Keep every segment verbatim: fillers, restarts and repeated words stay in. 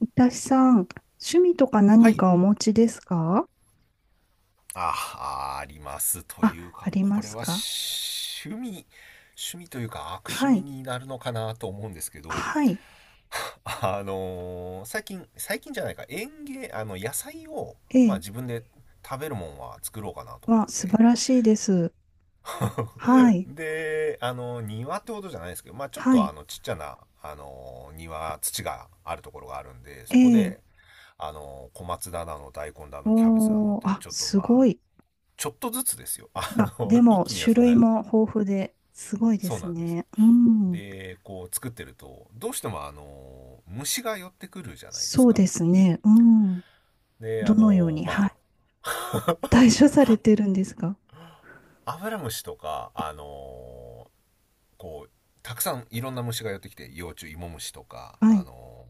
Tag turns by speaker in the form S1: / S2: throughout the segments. S1: いたしさん、趣味とか
S2: は
S1: 何
S2: い。
S1: かお持ちですか？
S2: あ、ありますと
S1: あ、
S2: いう
S1: あ
S2: か、
S1: り
S2: こ
S1: ま
S2: れ
S1: す
S2: は
S1: か？
S2: 趣味、趣味というか悪趣
S1: は
S2: 味
S1: い。
S2: になるのかなと思うんですけど、
S1: はい。
S2: あのー最近、最近じゃないか、園芸、あの、野菜を、
S1: え
S2: まあ
S1: え。
S2: 自分で食べるもんは作ろうかなと思っ
S1: わ、素
S2: て。
S1: 晴らしいです。は い。
S2: で、あの、庭ってことじゃないですけど、まあちょっ
S1: は
S2: とあ
S1: い。
S2: の、ちっちゃな、あの、庭、土があるところがあるんで、
S1: え
S2: そこ
S1: え。
S2: で、あの、小松菜だの、大根だの、キャベツだのっ
S1: おー、
S2: て、
S1: あ、
S2: ちょっと
S1: す
S2: まあ、
S1: ごい。
S2: ちょっとずつですよ。あ
S1: あ、で
S2: の、一
S1: も、
S2: 気には
S1: 種
S2: そん
S1: 類
S2: な、
S1: も豊富で、すごいで
S2: そう
S1: す
S2: なんです。
S1: ね。うん。
S2: で、こう作ってると、どうしてもあの、虫が寄ってくるじゃないです
S1: そう
S2: か。
S1: ですね。うん。
S2: で、あ
S1: どのよう
S2: の、
S1: に、はい。
S2: ま
S1: 対処されてるんですか？
S2: あ、アブラムシとか、あの、こう、たくさんいろんな虫が寄ってきて、幼虫、イモムシとか、
S1: は
S2: あ
S1: い。
S2: の、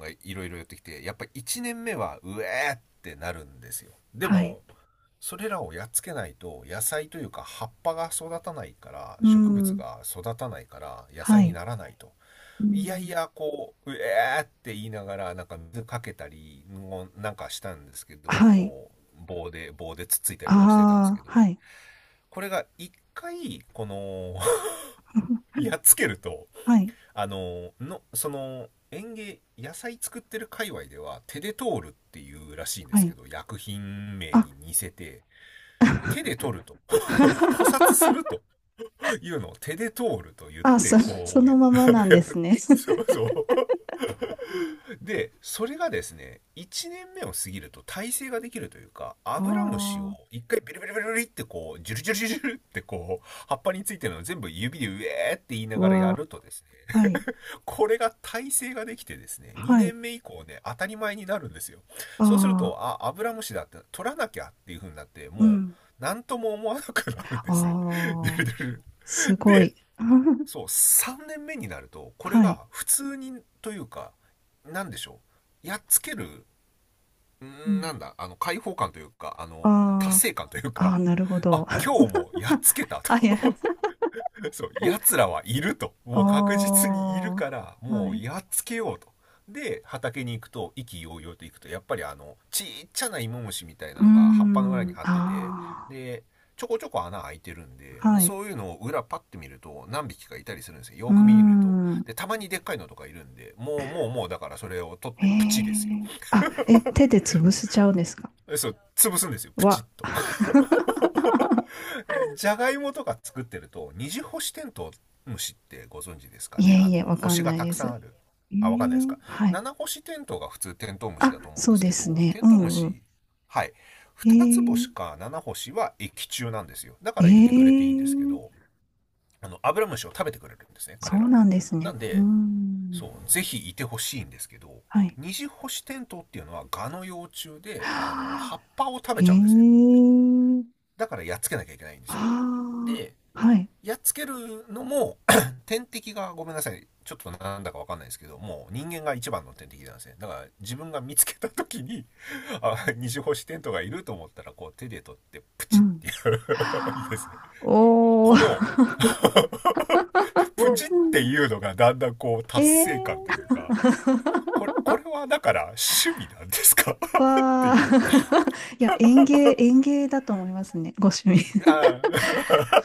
S2: がいろいろ寄ってきて、やっぱいちねんめは、うえーってなるんですよ。で
S1: はい。
S2: も、それらをやっつけないと野菜というか葉っぱが育たないから
S1: う
S2: 植物
S1: ん。
S2: が育たないから野
S1: は
S2: 菜に
S1: い。
S2: ならないと、
S1: う
S2: いやい
S1: ん。
S2: や、こう、うえーって言いながら、なんか水かけたり、もなんかしたんですけど、
S1: はい。
S2: こう、棒で、棒でつっついたりとかしてたんですけ
S1: あ
S2: ど、
S1: あ、はい。
S2: これが一回、この、やっつけると、
S1: はい。
S2: あの、の、その、園芸、野菜作ってる界隈では、手で通るっていうらしいんで
S1: は
S2: すけ
S1: い。
S2: ど、薬品名
S1: あ、
S2: に似せて、手で取ると、捕殺する というのを手で通ると言っ
S1: あ、
S2: て、
S1: そ、そ
S2: こう、や
S1: のままなんです
S2: る、
S1: ね。
S2: そ うそう。でそれがですね、いちねんめを過ぎると耐性ができるというか、アブラムシを
S1: あ
S2: 一回ビルビルビルリってこうジュルジュルジュルってこう葉っぱについてるのを全部指で「ウェー」って言い
S1: あ、
S2: ながらや
S1: は、
S2: るとです
S1: は
S2: ね、
S1: い、
S2: これが耐性ができてですね、
S1: は
S2: 2
S1: い、
S2: 年目以降ね当たり前になるんですよ。そうする
S1: ああ、
S2: と、あ、アブラムシだって取らなきゃっていう風になって、
S1: う
S2: もう
S1: ん、
S2: 何とも思わなくなるんですね。
S1: ああ、すご
S2: で、
S1: い。
S2: そう、さんねんめになると、これ
S1: はい、
S2: が普通にというか、なんでしょう。やっつける、
S1: う
S2: な
S1: ん、
S2: んだ、あの、解放感というか、あの、達
S1: あ
S2: 成感という
S1: あ、
S2: か、
S1: ああ、なるほ
S2: あ、
S1: ど。
S2: 今日もやっつ けた
S1: あ、いや、
S2: と。そう、奴らはいると。
S1: あ
S2: もう確実にいるから、
S1: あ、は
S2: もう
S1: い、
S2: やっつけようと。で、畑に行くと、意気揚々と行くと、やっぱりあの、ちっちゃな芋虫みたいな
S1: うー
S2: のが葉っぱの裏に
S1: ん、
S2: 張ってて、
S1: あ
S2: で、ちょこちょこ穴開いてるんで、
S1: あ、
S2: もう
S1: はい、
S2: そういうのを裏パッて見ると何匹かいたりするんですよ。
S1: う
S2: よ
S1: ー
S2: く見ると。
S1: ん、
S2: で、たまにでっかいのとかいるんで、もうもうもうだからそれを取っ
S1: へ
S2: てプチですよ。
S1: え、あ、え、手で潰せちゃうんですか？
S2: そう、潰すんですよ、プチッ
S1: は。
S2: と。じゃがいもとか作ってると、二次星テントウムシってご存知ですか
S1: い
S2: ね、
S1: え
S2: あ
S1: いえ、
S2: の
S1: わかん
S2: 星が
S1: ない
S2: た
S1: で
S2: くさん
S1: す。
S2: ある、
S1: え
S2: あ、わかんないです
S1: え。
S2: か。
S1: はい。
S2: 七星テントウが普通テントウムシ
S1: あ、
S2: だと思うん
S1: そ
S2: で
S1: う
S2: す
S1: で
S2: け
S1: す
S2: ど、
S1: ね。
S2: テ
S1: う
S2: ントウム
S1: んうん。
S2: シ、はい、二つ星
S1: え
S2: か七星は液中なんですよ。だか
S1: え
S2: らいてくれていいんですけ
S1: ええ、
S2: ど、あのアブラムシを食べてくれるんですね、
S1: そ
S2: 彼ら
S1: う
S2: は。
S1: なんです
S2: な
S1: ね。
S2: ん
S1: う
S2: で、
S1: ん。
S2: そう、ぜひいてほしいんですけど、
S1: はい。
S2: 二次星テントウっていうのはガの幼虫で、あの葉
S1: はあ。
S2: っぱを食べ
S1: え
S2: ちゃうんですね。
S1: え、
S2: だからやっつけなきゃいけないんで
S1: は
S2: すよ。で、
S1: あ、はい。
S2: やっつけるのも 天敵が、ごめんなさい、ちょっとなんだかわかんないですけど、もう人間が一番の天敵なんですね。だから自分が見つけた時に、 あ、二次星テントがいると思ったら、こう手で取ってプ
S1: う
S2: チっ
S1: ん。
S2: てやるんですね。
S1: はあお
S2: この、
S1: ー。
S2: プ チっていうのがだんだんこう
S1: え
S2: 達
S1: え、
S2: 成感というか、これ、これはだから趣味なんですか って
S1: わあ。
S2: いう。
S1: いや、園芸、園芸だと思いますね。ご趣味。
S2: あ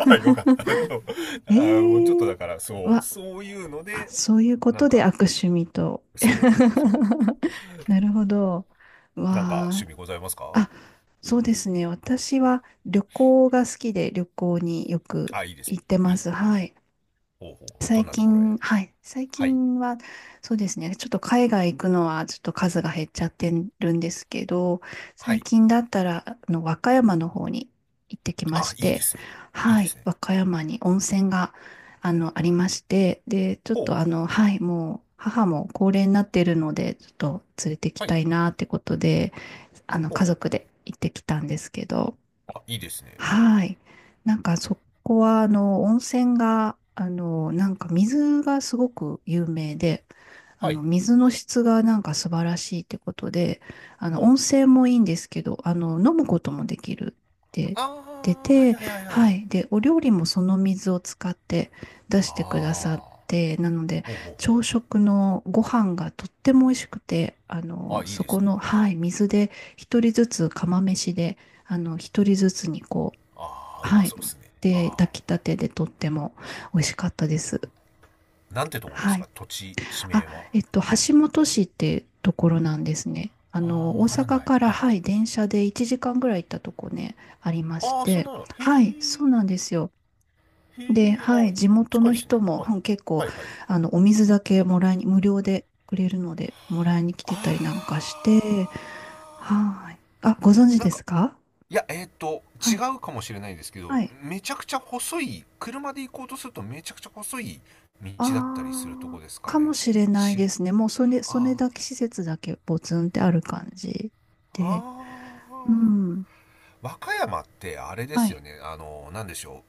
S2: あ よかった。そう、 ああ、もうちょっと
S1: ええ、
S2: だからそう、
S1: わ
S2: そういうの
S1: あ、
S2: で、
S1: そういうこ
S2: な
S1: と
S2: ん
S1: で
S2: か、
S1: 悪趣味と。
S2: そうそう。
S1: なるほど。
S2: なんか趣
S1: わあ。
S2: 味ございますか。
S1: あ、そうですね。私は旅行が好きで旅行によく
S2: あ、いいですね。
S1: 行って
S2: い
S1: ま
S2: い。
S1: す。はい。
S2: ほうほう。ど
S1: 最
S2: んなところへ。
S1: 近、はい。最
S2: はい。
S1: 近は、そうですね。ちょっと海外行くのは、ちょっと数が減っちゃってるんですけど、
S2: は
S1: 最
S2: い。
S1: 近だったら、あの、和歌山の方に行ってきま
S2: あ、
S1: し
S2: いいで
S1: て、
S2: すね。いい
S1: は
S2: で
S1: い。
S2: すね。
S1: 和歌山に温泉が、あの、ありまして、で、ちょっ
S2: ほう。
S1: と、あの、はい。もう、母も高齢になっているので、ちょっと連れてき
S2: はい。
S1: たいなってことで、あの、
S2: ほう
S1: 家
S2: ほう。
S1: 族で行ってきたんですけど、
S2: あ、いいですね。
S1: はい。なんかそこは、あの、温泉が、あの、なんか水がすごく有名で、あ
S2: はい。
S1: の、水の質がなんか素晴らしいってことで、あ
S2: ほ
S1: の、
S2: う。
S1: 温泉もいいんですけど、あの、飲むこともできるって
S2: あ
S1: 言っ
S2: あ、はい
S1: てて、
S2: はいはいはい。
S1: はい。で、お料理もその水を使って出してくださ
S2: ああ、
S1: って、なので、
S2: ほうほう
S1: 朝
S2: ほ
S1: 食のご飯がとっても美味しくて、あ
S2: う。
S1: の、
S2: あ、いい
S1: そ
S2: です
S1: こ
S2: ね。
S1: の、はい、水で一人ずつ釜飯で、あの、一人ずつにこう、
S2: ああ、う
S1: は
S2: ま
S1: い。
S2: そうですね。
S1: で、
S2: ああ、
S1: 炊きたてでとっても美味しかったです。
S2: なんてとこで
S1: は
S2: す
S1: い。
S2: か、土地、地名
S1: あ、
S2: は。
S1: えっと、橋本市ってところなんですね。あ
S2: あ
S1: の、
S2: あ、わ
S1: 大
S2: から
S1: 阪
S2: ない。
S1: から、
S2: はい。
S1: はい、電車でいちじかんぐらい行ったとこね、ありまし
S2: ああ、そん
S1: て。
S2: なの。へ
S1: はい、
S2: え。
S1: そうなんですよ。
S2: へ
S1: で、
S2: え。
S1: は
S2: あ、
S1: い、地元
S2: 近い
S1: の
S2: です
S1: 人
S2: ね。
S1: も、
S2: はい。
S1: うん結構、
S2: はいはい。
S1: あの、お水だけもらいに、無料でくれるので、もらいに来てたりなんか
S2: あ
S1: して、
S2: あ、
S1: はい。あ、ご存知
S2: なん
S1: で
S2: か、
S1: すか？
S2: いや、えっ、と、
S1: は
S2: 違
S1: い。
S2: うかもしれないですけど、
S1: はい。
S2: めちゃくちゃ細い、車で行こうとするとめちゃくちゃ細い道だったりすると
S1: あ
S2: こ
S1: あ、
S2: ですか
S1: かも
S2: ね。
S1: しれない
S2: ち、
S1: ですね。もうそれ、それ
S2: あ
S1: だけ施設だけポツンってある感じで。
S2: あ、あ
S1: う
S2: あ。
S1: ん。
S2: 和歌山ってあれで
S1: は
S2: すよ
S1: い。
S2: ね、あの、なんでしょ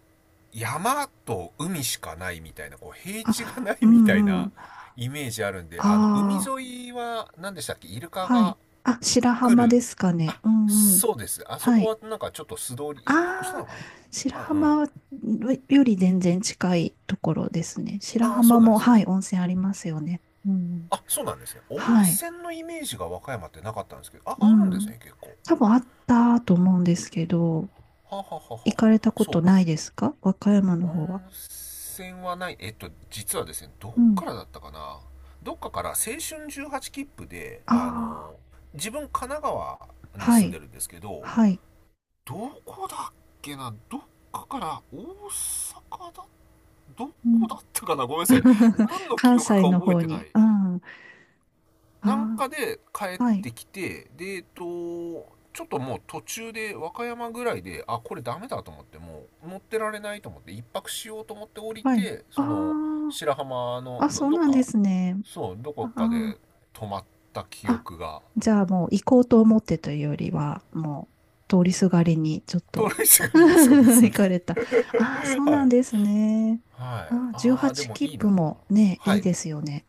S2: う。山と海しかないみたいな、こう、平地がな
S1: あ、う
S2: いみたい
S1: んう
S2: な
S1: ん。
S2: イメージあるんで、あの、海
S1: あ
S2: 沿いは、何でしたっけ、イル
S1: あ、
S2: カ
S1: はい。
S2: が
S1: あ、白
S2: 来
S1: 浜
S2: る。
S1: ですかね。
S2: あ、
S1: うんうん。
S2: そうです。あそ
S1: は
S2: こ
S1: い。
S2: はなんかちょっと素通り、一泊した
S1: ああ、
S2: のかな。
S1: 白
S2: あ、う
S1: 浜より全然近いところですね。
S2: ん。
S1: 白
S2: ああ、そ
S1: 浜
S2: うなんで
S1: も、
S2: すね。
S1: はい、温泉ありますよね。うん。
S2: あ、そうなんですね。温
S1: はい。
S2: 泉のイメージが和歌山ってなかったんですけど、あ、
S1: う
S2: あるんです
S1: ん。
S2: ね、結構。
S1: 多分あったと思うんですけど、
S2: はははは
S1: 行
S2: は
S1: かれたこと
S2: そ
S1: ないですか？和歌山
S2: う。
S1: の
S2: 温
S1: 方は。
S2: 泉はない。えっと、実はですね、どっ
S1: うん。
S2: からだったかな。どっかから青春じゅうはち切符で、あの、
S1: あ
S2: 自分神奈川
S1: あ、
S2: に
S1: は
S2: 住んで
S1: い、
S2: るんですけど、
S1: はい。
S2: どこだっけな、どっかから大阪だ、ど
S1: う
S2: こ
S1: ん。
S2: だったかな、ごめんなさい。何の記
S1: 関
S2: 憶
S1: 西
S2: か
S1: の
S2: 覚え
S1: 方
S2: てな
S1: に。
S2: い。
S1: うん。あ
S2: なん
S1: あ、
S2: かで帰っ
S1: はい、
S2: てきて、で、えっと、ちょっともう途中で和歌山ぐらいで、あ、これダメだと思って、もう乗ってられないと思って、一泊しようと思って降り
S1: はい。
S2: て、その
S1: あ
S2: 白浜
S1: あ、
S2: の
S1: あ、
S2: ど、
S1: そう
S2: どっ
S1: なんで
S2: か、
S1: すね。
S2: そう、どこ
S1: あ
S2: か
S1: あ、
S2: で泊まった記
S1: あ、
S2: 憶が、
S1: じゃあもう行こうと思ってというよりは、もう通りすがりにちょっ
S2: 盗
S1: と
S2: 塁者 がいいそうです。
S1: 行かれた。ああ、そ う
S2: はいは
S1: なん
S2: い。
S1: ですね。ああ、
S2: あー、で
S1: じゅうはち
S2: も
S1: 切
S2: いい
S1: 符
S2: な。
S1: もね、
S2: は
S1: いい
S2: い、
S1: ですよね。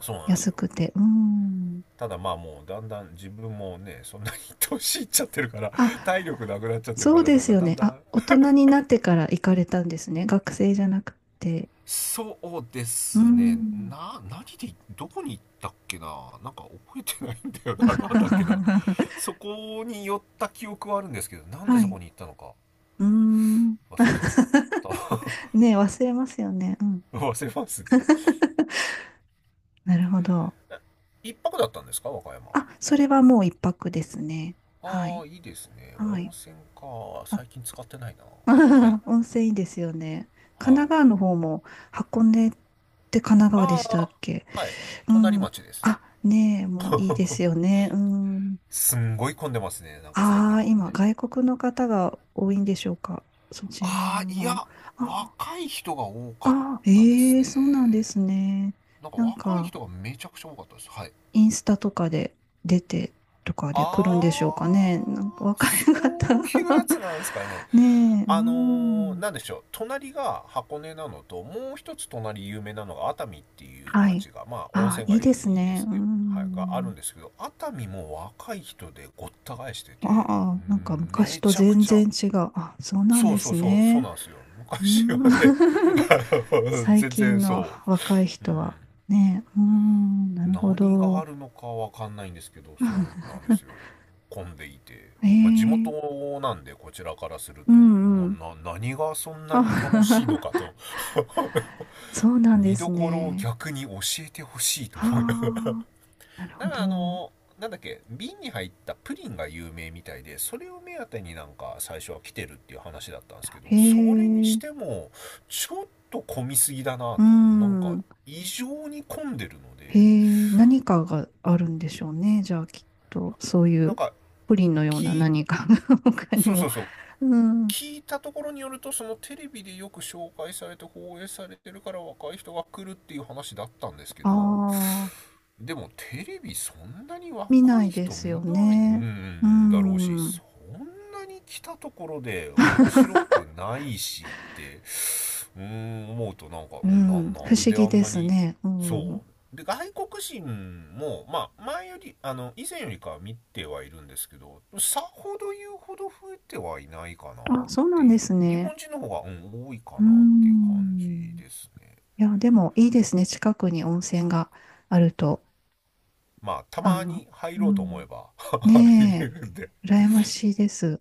S2: そうなんです
S1: 安
S2: よ。
S1: くて。うん。
S2: ただまあ、もうだんだん自分もね、そんなに 年いっちゃってるから、体力なくなっちゃってる
S1: そ
S2: か
S1: う
S2: ら、
S1: で
S2: なん
S1: す
S2: か
S1: よ
S2: だん
S1: ね。
S2: だ
S1: あ、
S2: ん、
S1: 大人になってから行かれたんですね。学生じゃなくて。
S2: そうで
S1: うー
S2: すね。
S1: ん。
S2: な、何で、どこに行ったっけな。なんか覚えてないんだよな。なんだっけな。そこに寄った記憶はあるんですけど、なんで
S1: は
S2: そ
S1: い。
S2: こに行ったのか
S1: うーん。
S2: 忘れちゃっ た。
S1: ねえ、忘れますよね。うん。
S2: 忘れますね。
S1: なるほど。
S2: 一泊だったんですか、和歌山は。
S1: あ、それはもう一泊ですね。は
S2: あ
S1: い。
S2: あ、いいですね。
S1: は
S2: 温
S1: い。
S2: 泉か。
S1: あ、
S2: 最近使ってないな。はい。
S1: 温泉いいですよね。神
S2: は
S1: 奈川の
S2: い。
S1: 方も箱根って神奈川で
S2: あ
S1: したっ
S2: あ、
S1: け？
S2: はい。
S1: う
S2: 隣
S1: ん。
S2: 町です。
S1: あ、ねえ、もういいですよね。うん。
S2: すんごい混んでますね。なんか最
S1: あ
S2: 近
S1: あ、
S2: 箱
S1: 今、
S2: 根。
S1: 外国の方が多いんでしょうか。そちら
S2: ああ、い
S1: も。
S2: や、
S1: あ
S2: 若い人が多かっ
S1: あ、
S2: たです
S1: ええ
S2: ね。
S1: そうなんですね。
S2: なんか
S1: なん
S2: 若い
S1: か、
S2: 人がめちゃくちゃ多かったです。はい。
S1: インスタとかで出てとかで来るんでしょうか
S2: あ
S1: ね。
S2: ー、
S1: なんか若い
S2: そ
S1: 方
S2: ういうやつなんですかね。
S1: ねえ、う
S2: あのー、
S1: ん。
S2: なんでしょう。隣が箱根なのと、もう一つ隣有名なのが熱海っていう
S1: はい。
S2: 町が、まあ温
S1: ああ、
S2: 泉
S1: いい
S2: 街
S1: です
S2: で
S1: ね。
S2: す
S1: う
S2: ね。はい、があ
S1: ん。
S2: るんですけど、熱海も若い人でごった返してて、
S1: ああ、なんか
S2: うん
S1: 昔
S2: め
S1: と
S2: ちゃく
S1: 全
S2: ちゃ、
S1: 然違う。あ、そうなん
S2: そ
S1: で
S2: うそ
S1: す
S2: うそう、そう
S1: ね。
S2: なんですよ。
S1: うー
S2: 昔は
S1: ん
S2: ね、あの
S1: 最
S2: 全
S1: 近
S2: 然
S1: の
S2: そ
S1: 若い
S2: う。う
S1: 人
S2: ん、
S1: はね、うーん、なるほ
S2: 何が
S1: ど。
S2: あるのかわかんないんですけど、そう なんですよ。混んでいて。
S1: え
S2: まあ、地元
S1: え。
S2: なんで、こちらからする
S1: う
S2: と、
S1: んう
S2: も
S1: ん。
S2: う、な、何がそんなに楽し
S1: あ
S2: いのかと、
S1: そうなんで
S2: 見
S1: す
S2: どころを
S1: ね。
S2: 逆に教えてほしいと
S1: は
S2: 思います。
S1: あ、なる
S2: な
S1: ほ
S2: んからあ
S1: ど。
S2: の、なんだっけ、瓶に入ったプリンが有名みたいで、それを目当てになんか最初は来てるっていう話だったんですけ
S1: へ
S2: ど、それにし
S1: え、
S2: ても、ちょっと混みすぎだな
S1: う
S2: と。なんか、
S1: ん。
S2: 異常に混んでるの
S1: へ
S2: で、
S1: え、何かがあるんでしょうね。じゃあきっと、そうい
S2: なん
S1: う
S2: か、
S1: プリンのような
S2: 聞い、
S1: 何かが 他に
S2: そうそ
S1: も。
S2: うそう、
S1: うん。
S2: 聞いたところによると、そのテレビでよく紹介されて放映されてるから若い人が来るっていう話だったんですけ
S1: あ
S2: ど、
S1: あ、
S2: でもテレビそんなに
S1: 見
S2: 若
S1: ない
S2: い
S1: で
S2: 人
S1: すよ
S2: 見ない
S1: ね。う
S2: んだろうし、
S1: ん。
S2: そんなに来たところで面白くないしって、うーん、思うと、なんか、う
S1: う
S2: ん、
S1: ん、
S2: な、
S1: 不
S2: なん
S1: 思
S2: で
S1: 議
S2: あん
S1: で
S2: な
S1: す
S2: に、
S1: ね。う
S2: そ
S1: ん。
S2: うで外国人もまあ前より、あの以前よりかは見てはいるんですけど、さほど言うほど増えてはいないかなっ
S1: あ、そうな
S2: て
S1: ん
S2: い
S1: で
S2: う、
S1: す
S2: 日本
S1: ね。
S2: 人の方が、うん、多いか
S1: う
S2: なっていう感じ
S1: ん。
S2: ですね。
S1: いや、でもいいですね。近くに温泉があると。
S2: まあた
S1: あ
S2: ま
S1: の、
S2: に入
S1: う
S2: ろうと思え
S1: ん。
S2: ば 入れ
S1: ね
S2: るんで
S1: え、羨ましいです。